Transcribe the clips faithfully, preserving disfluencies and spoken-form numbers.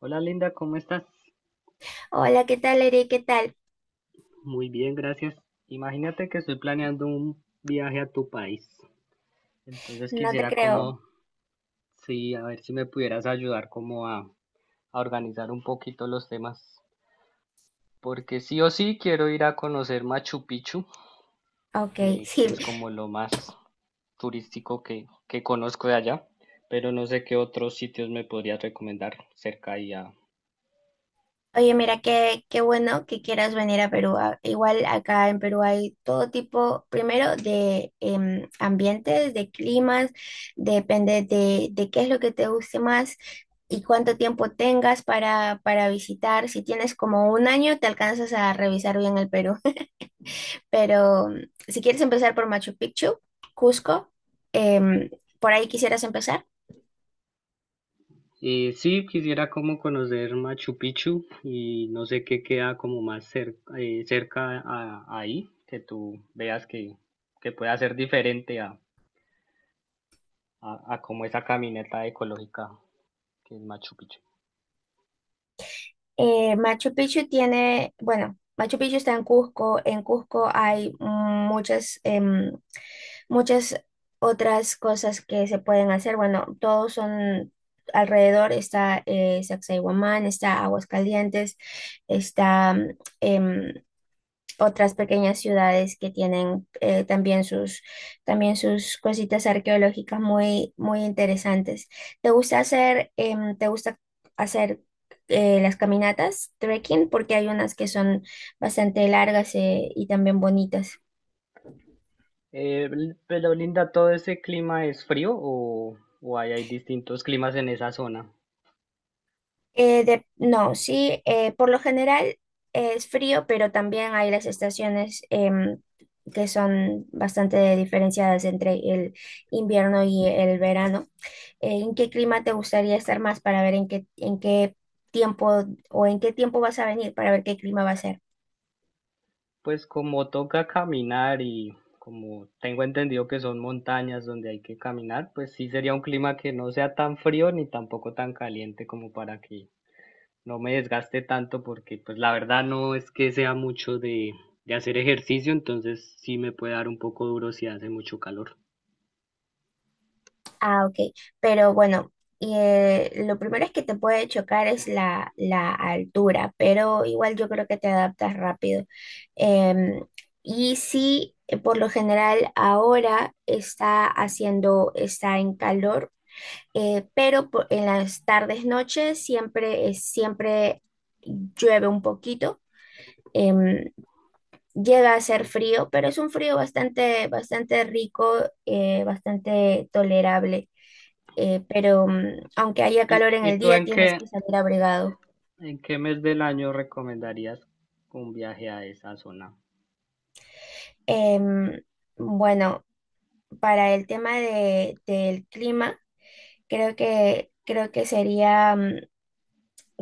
Hola Linda, ¿cómo estás? Hola, ¿qué tal, Eri? ¿Qué tal? Muy bien, gracias. Imagínate que estoy planeando un viaje a tu país. Entonces No te quisiera creo. como, sí, a ver si me pudieras ayudar como a, a organizar un poquito los temas. Porque sí o sí quiero ir a conocer Machu Picchu, Ok, eh, sí. que es como lo más turístico que, que conozco de allá. Pero no sé qué otros sitios me podrías recomendar cerca y a. Oye, mira, qué, qué bueno que quieras venir a Perú. A- Igual acá en Perú hay todo tipo, primero, de em, ambientes, de climas, depende de, de qué es lo que te guste más y cuánto tiempo tengas para, para visitar. Si tienes como un año, te alcanzas a revisar bien el Perú. Pero mm, si quieres empezar por Machu Picchu, Cusco, em, ¿por ahí quisieras empezar? Eh, sí, quisiera como conocer Machu Picchu y no sé qué queda como más cer- eh, cerca a, ahí, que tú veas que, que pueda ser diferente a, a, a como esa caminata ecológica que es Machu Picchu. Eh, Machu Picchu tiene, bueno, Machu Picchu está en Cusco. En Cusco hay muchas, em, muchas otras cosas que se pueden hacer. Bueno, todos son alrededor. Está eh, Sacsayhuamán, está Aguascalientes, está em, otras pequeñas ciudades que tienen eh, también sus, también sus cositas arqueológicas muy, muy interesantes. ¿Te gusta hacer, em, te gusta hacer eh, las caminatas, trekking? Porque hay unas que son bastante largas eh, y también bonitas. Eh, l- pero Linda, ¿todo ese clima es frío o, o hay, hay distintos climas en esa zona? Eh, de- no, sí, eh, por lo general es frío, pero también hay las estaciones em, que son bastante diferenciadas entre el invierno y el verano. eh, ¿En qué clima te gustaría estar más para ver en qué, en qué tiempo o en qué tiempo vas a venir para ver qué clima va a ser? Pues como toca caminar y como tengo entendido que son montañas donde hay que caminar, pues sí sería un clima que no sea tan frío ni tampoco tan caliente como para que no me desgaste tanto porque pues la verdad no es que sea mucho de, de hacer ejercicio, entonces sí me puede dar un poco duro si hace mucho calor. Ah, ok. Pero bueno, eh, lo primero es que te puede chocar es la, la altura, pero igual yo creo que te adaptas rápido. Em, y sí, eh, por lo general ahora está haciendo, está en calor, eh, pero por- en las tardes, noches siempre, es- siempre llueve un poquito. Em, Llega a ser frío, pero es un frío bastante, bastante rico, eh, bastante tolerable. eh, pero mm, aunque haya ¿Y, calor en y el tú día, en tienes qué, que salir abrigado. en qué mes del año recomendarías un viaje a esa zona? Em, bueno, para el tema de, del clima, creo que, creo que sería, mm,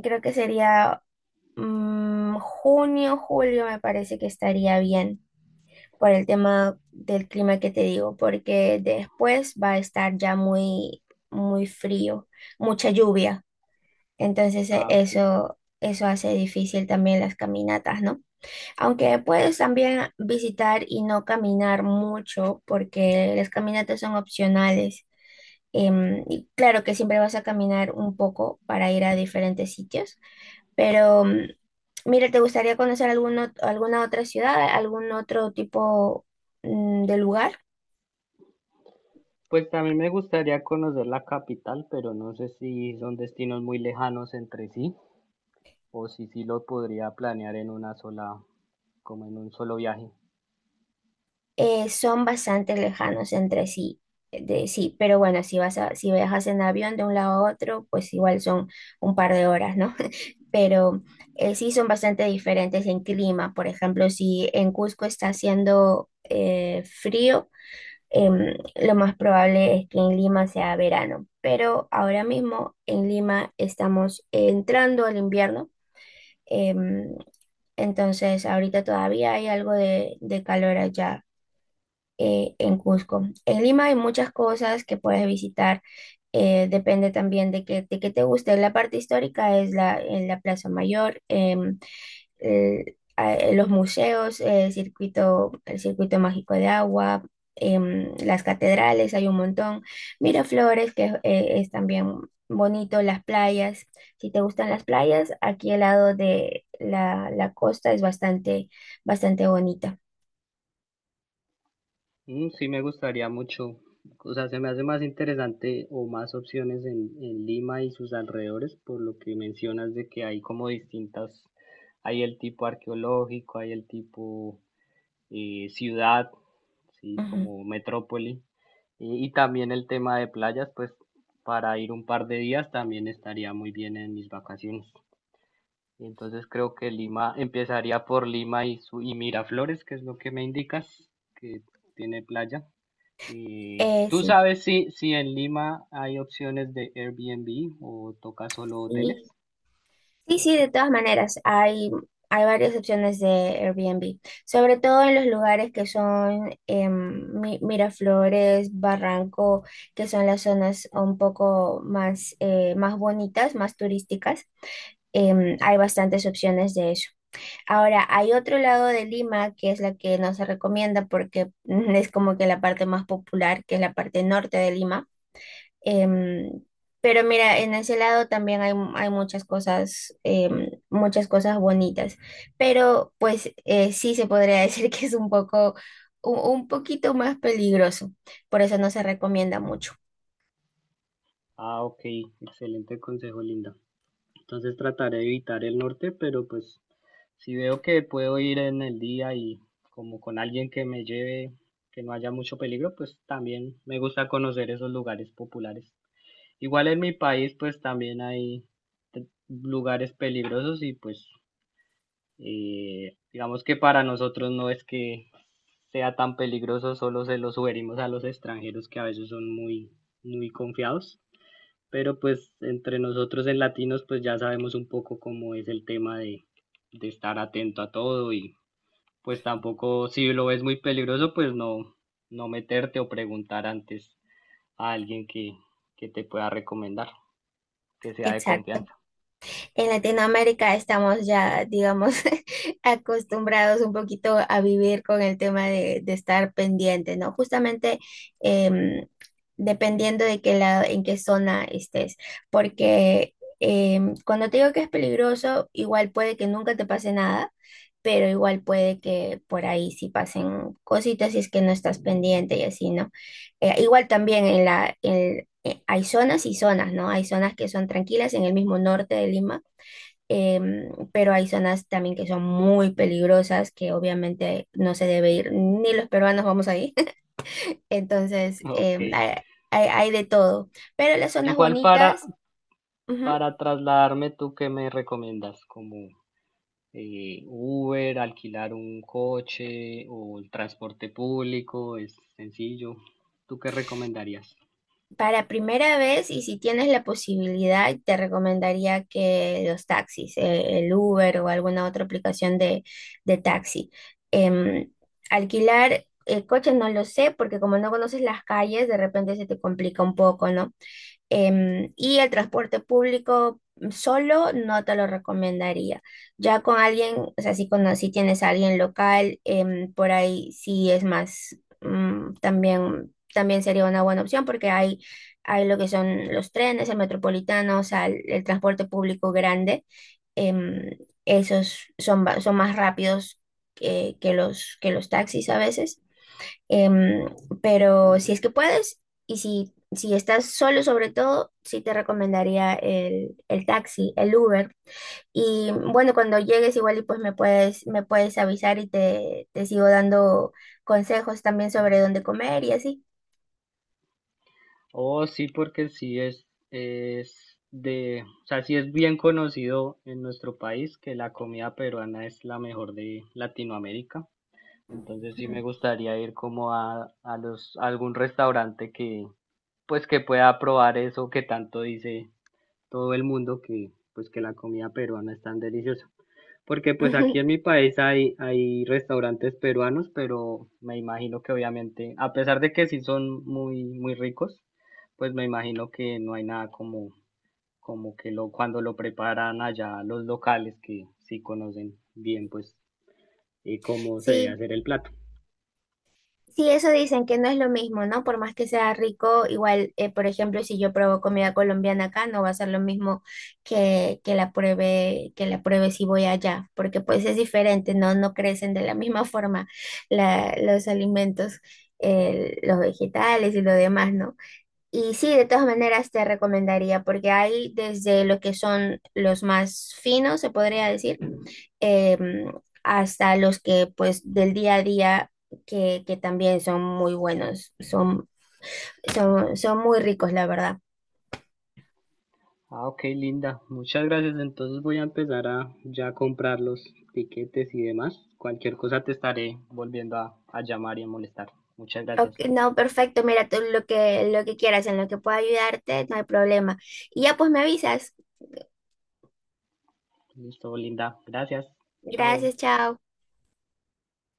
creo que sería mm, junio, julio, me parece que estaría bien. Por el tema del clima que te digo, porque después va a estar ya muy, muy frío, mucha lluvia. Entonces e- Ah, ok. eso, eso hace difícil también las caminatas, ¿no? Aunque puedes también visitar y no caminar mucho, porque las caminatas son opcionales. Em, y claro que siempre vas a caminar un poco para ir a diferentes sitios, pero, mm, mira, ¿te gustaría conocer algún ot- alguna otra ciudad, algún otro tipo mm, de lugar? Pues a mí me gustaría conocer la capital, pero no sé si son destinos muy lejanos entre sí o si sí lo podría planear en una sola, como en un solo viaje. Eh, son bastante lejanos entre sí, eh, de, sí, pero bueno, si vas a, si viajas en avión de un lado a otro, pues igual son un par de horas, ¿no? Pero eh, sí son bastante diferentes en clima. Por ejemplo, si en Cusco está haciendo eh, frío, em, lo más probable es que en Lima sea verano, pero ahora mismo en Lima estamos entrando al invierno. em, entonces ahorita todavía hay algo de, de calor allá eh, en Cusco. En Lima hay muchas cosas que puedes visitar, eh, depende también de qué, de qué te guste. La parte histórica es la, en la Plaza Mayor. em, eh, a- eh, los museos, eh, circuito, el circuito mágico de agua, em, las catedrales, hay un montón. Miraflores, que eh, es también bonito, las playas. Si te gustan las playas, aquí al lado de la, la costa es bastante, bastante bonita. Mm, sí me gustaría mucho, o sea, se me hace más interesante o más opciones en, en Lima y sus alrededores, por lo que mencionas de que hay como distintas, hay el tipo arqueológico, hay el tipo eh, ciudad, ¿sí? Ujú. Como metrópoli. Y, y también el tema de playas, pues para ir un par de días también estaría muy bien en mis vacaciones. Entonces creo que Lima, empezaría por Lima y, su, y Miraflores, que es lo que me indicas, que tiene playa. Eh, Eh, ¿tú Sí, sabes si, si en Lima hay opciones de Airbnb o toca solo sí. hoteles? Sí, sí, de todas maneras, hay, hay varias opciones de Airbnb, sobre todo en los lugares que son em, Mi- Miraflores, Barranco, que son las zonas un poco más, eh, más bonitas, más turísticas. Em, hay bastantes opciones de eso. Ahora, hay otro lado de Lima que es la que no se recomienda porque mm, es como que la parte más popular, que es la parte norte de Lima. Em, pero mira, en ese lado también hay, hay muchas cosas, em, muchas cosas bonitas. Pero pues eh, sí se podría decir que es un poco, un, un poquito más peligroso. Por eso no se recomienda mucho. Ah, ok, excelente consejo, Linda. Entonces trataré de evitar el norte, pero pues si veo que puedo ir en el día y como con alguien que me lleve, que no haya mucho peligro, pues también me gusta conocer esos lugares populares. Igual en mi país pues también hay lugares peligrosos y pues eh, digamos que para nosotros no es que sea tan peligroso, solo se lo sugerimos a los extranjeros que a veces son muy, muy confiados, pero pues entre nosotros en latinos pues ya sabemos un poco cómo es el tema de, de estar atento a todo y pues tampoco, si lo ves muy peligroso pues no, no meterte o preguntar antes a alguien que, que te pueda recomendar, que sea de Exacto. confianza. En Latinoamérica estamos ya, digamos, acostumbrados un poquito a vivir con el tema de, de estar pendiente, ¿no? Justamente em, dependiendo de qué lado, en qué zona estés, porque em, cuando te digo que es peligroso, igual puede que nunca te pase nada, pero igual puede que por ahí sí pasen cositas si es que no estás pendiente y así, ¿no? Eh, igual también en la, en- eh, hay zonas y zonas, ¿no? Hay zonas que son tranquilas en el mismo norte de Lima. Em, pero hay zonas también que son muy peligrosas, que obviamente no se debe ir, ni los peruanos vamos ahí. Entonces, Ok. em, hay, hay- hay de todo. Pero las zonas Igual para, bonitas, ujú, para trasladarme, ¿tú qué me recomiendas? Como eh, Uber, alquilar un coche o el transporte público, ¿es sencillo? ¿Tú qué recomendarías? para primera vez, y si tienes la posibilidad, te recomendaría que los taxis, eh, el Uber o alguna otra aplicación de, de taxi. Em, alquilar... El coche no lo sé porque como no conoces las calles, de repente se te complica un poco, ¿no? Em, y el transporte público solo no te lo recomendaría. Ya con alguien, o sea, si, cono- si tienes a alguien local, em, por ahí sí es más, mm, también, también sería una buena opción porque hay, hay lo que son los trenes, el metropolitano, o sea, el, el transporte público grande. em, esos son, ba- son más rápidos que, que los, que los taxis a veces. Em, pero si es que puedes y si, si estás solo sobre todo, sí te recomendaría el, el taxi, el Uber. Y bueno, cuando llegues igual y pues me puedes, me puedes avisar y te, te sigo dando consejos también sobre dónde comer y así. Oh, sí, porque sí es, es de, o sea, sí es bien conocido en nuestro país que la comida peruana es la mejor de Latinoamérica. Entonces sí me Ujú. gustaría ir como a, a los, a algún restaurante que, pues que pueda probar eso que tanto dice todo el mundo que, pues que la comida peruana es tan deliciosa. Porque pues aquí en mi país hay, hay restaurantes peruanos, pero me imagino que obviamente, a pesar de que sí son muy, muy ricos, pues me imagino que no hay nada como, como que lo, cuando lo preparan allá los locales que sí conocen bien pues eh, cómo se debe Sí, hacer el plato. Sí, eso dicen que no es lo mismo, ¿no? Por más que sea rico, igual, eh, por ejemplo, si yo pruebo comida colombiana acá, no va a ser lo mismo que, que la pruebe, que la pruebe si voy allá, porque pues es diferente, ¿no? No crecen de la misma forma la- los alimentos, eh, los vegetales y lo demás, ¿no? Y sí, de todas maneras te recomendaría, porque hay desde lo que son los más finos, se podría decir, em, hasta los que pues del día a día que, que también son muy buenos, son, son, son muy ricos, la verdad. Ah, ok, Linda. Muchas gracias. Entonces voy a empezar a ya comprar los tiquetes y demás. Cualquier cosa te estaré volviendo a, a llamar y a molestar. Muchas gracias. Ok, no, perfecto, mira, tú lo que, lo que quieras, en lo que pueda ayudarte, no hay problema. Y ya pues me avisas. Listo, Linda. Gracias. Chao. Gracias, chao.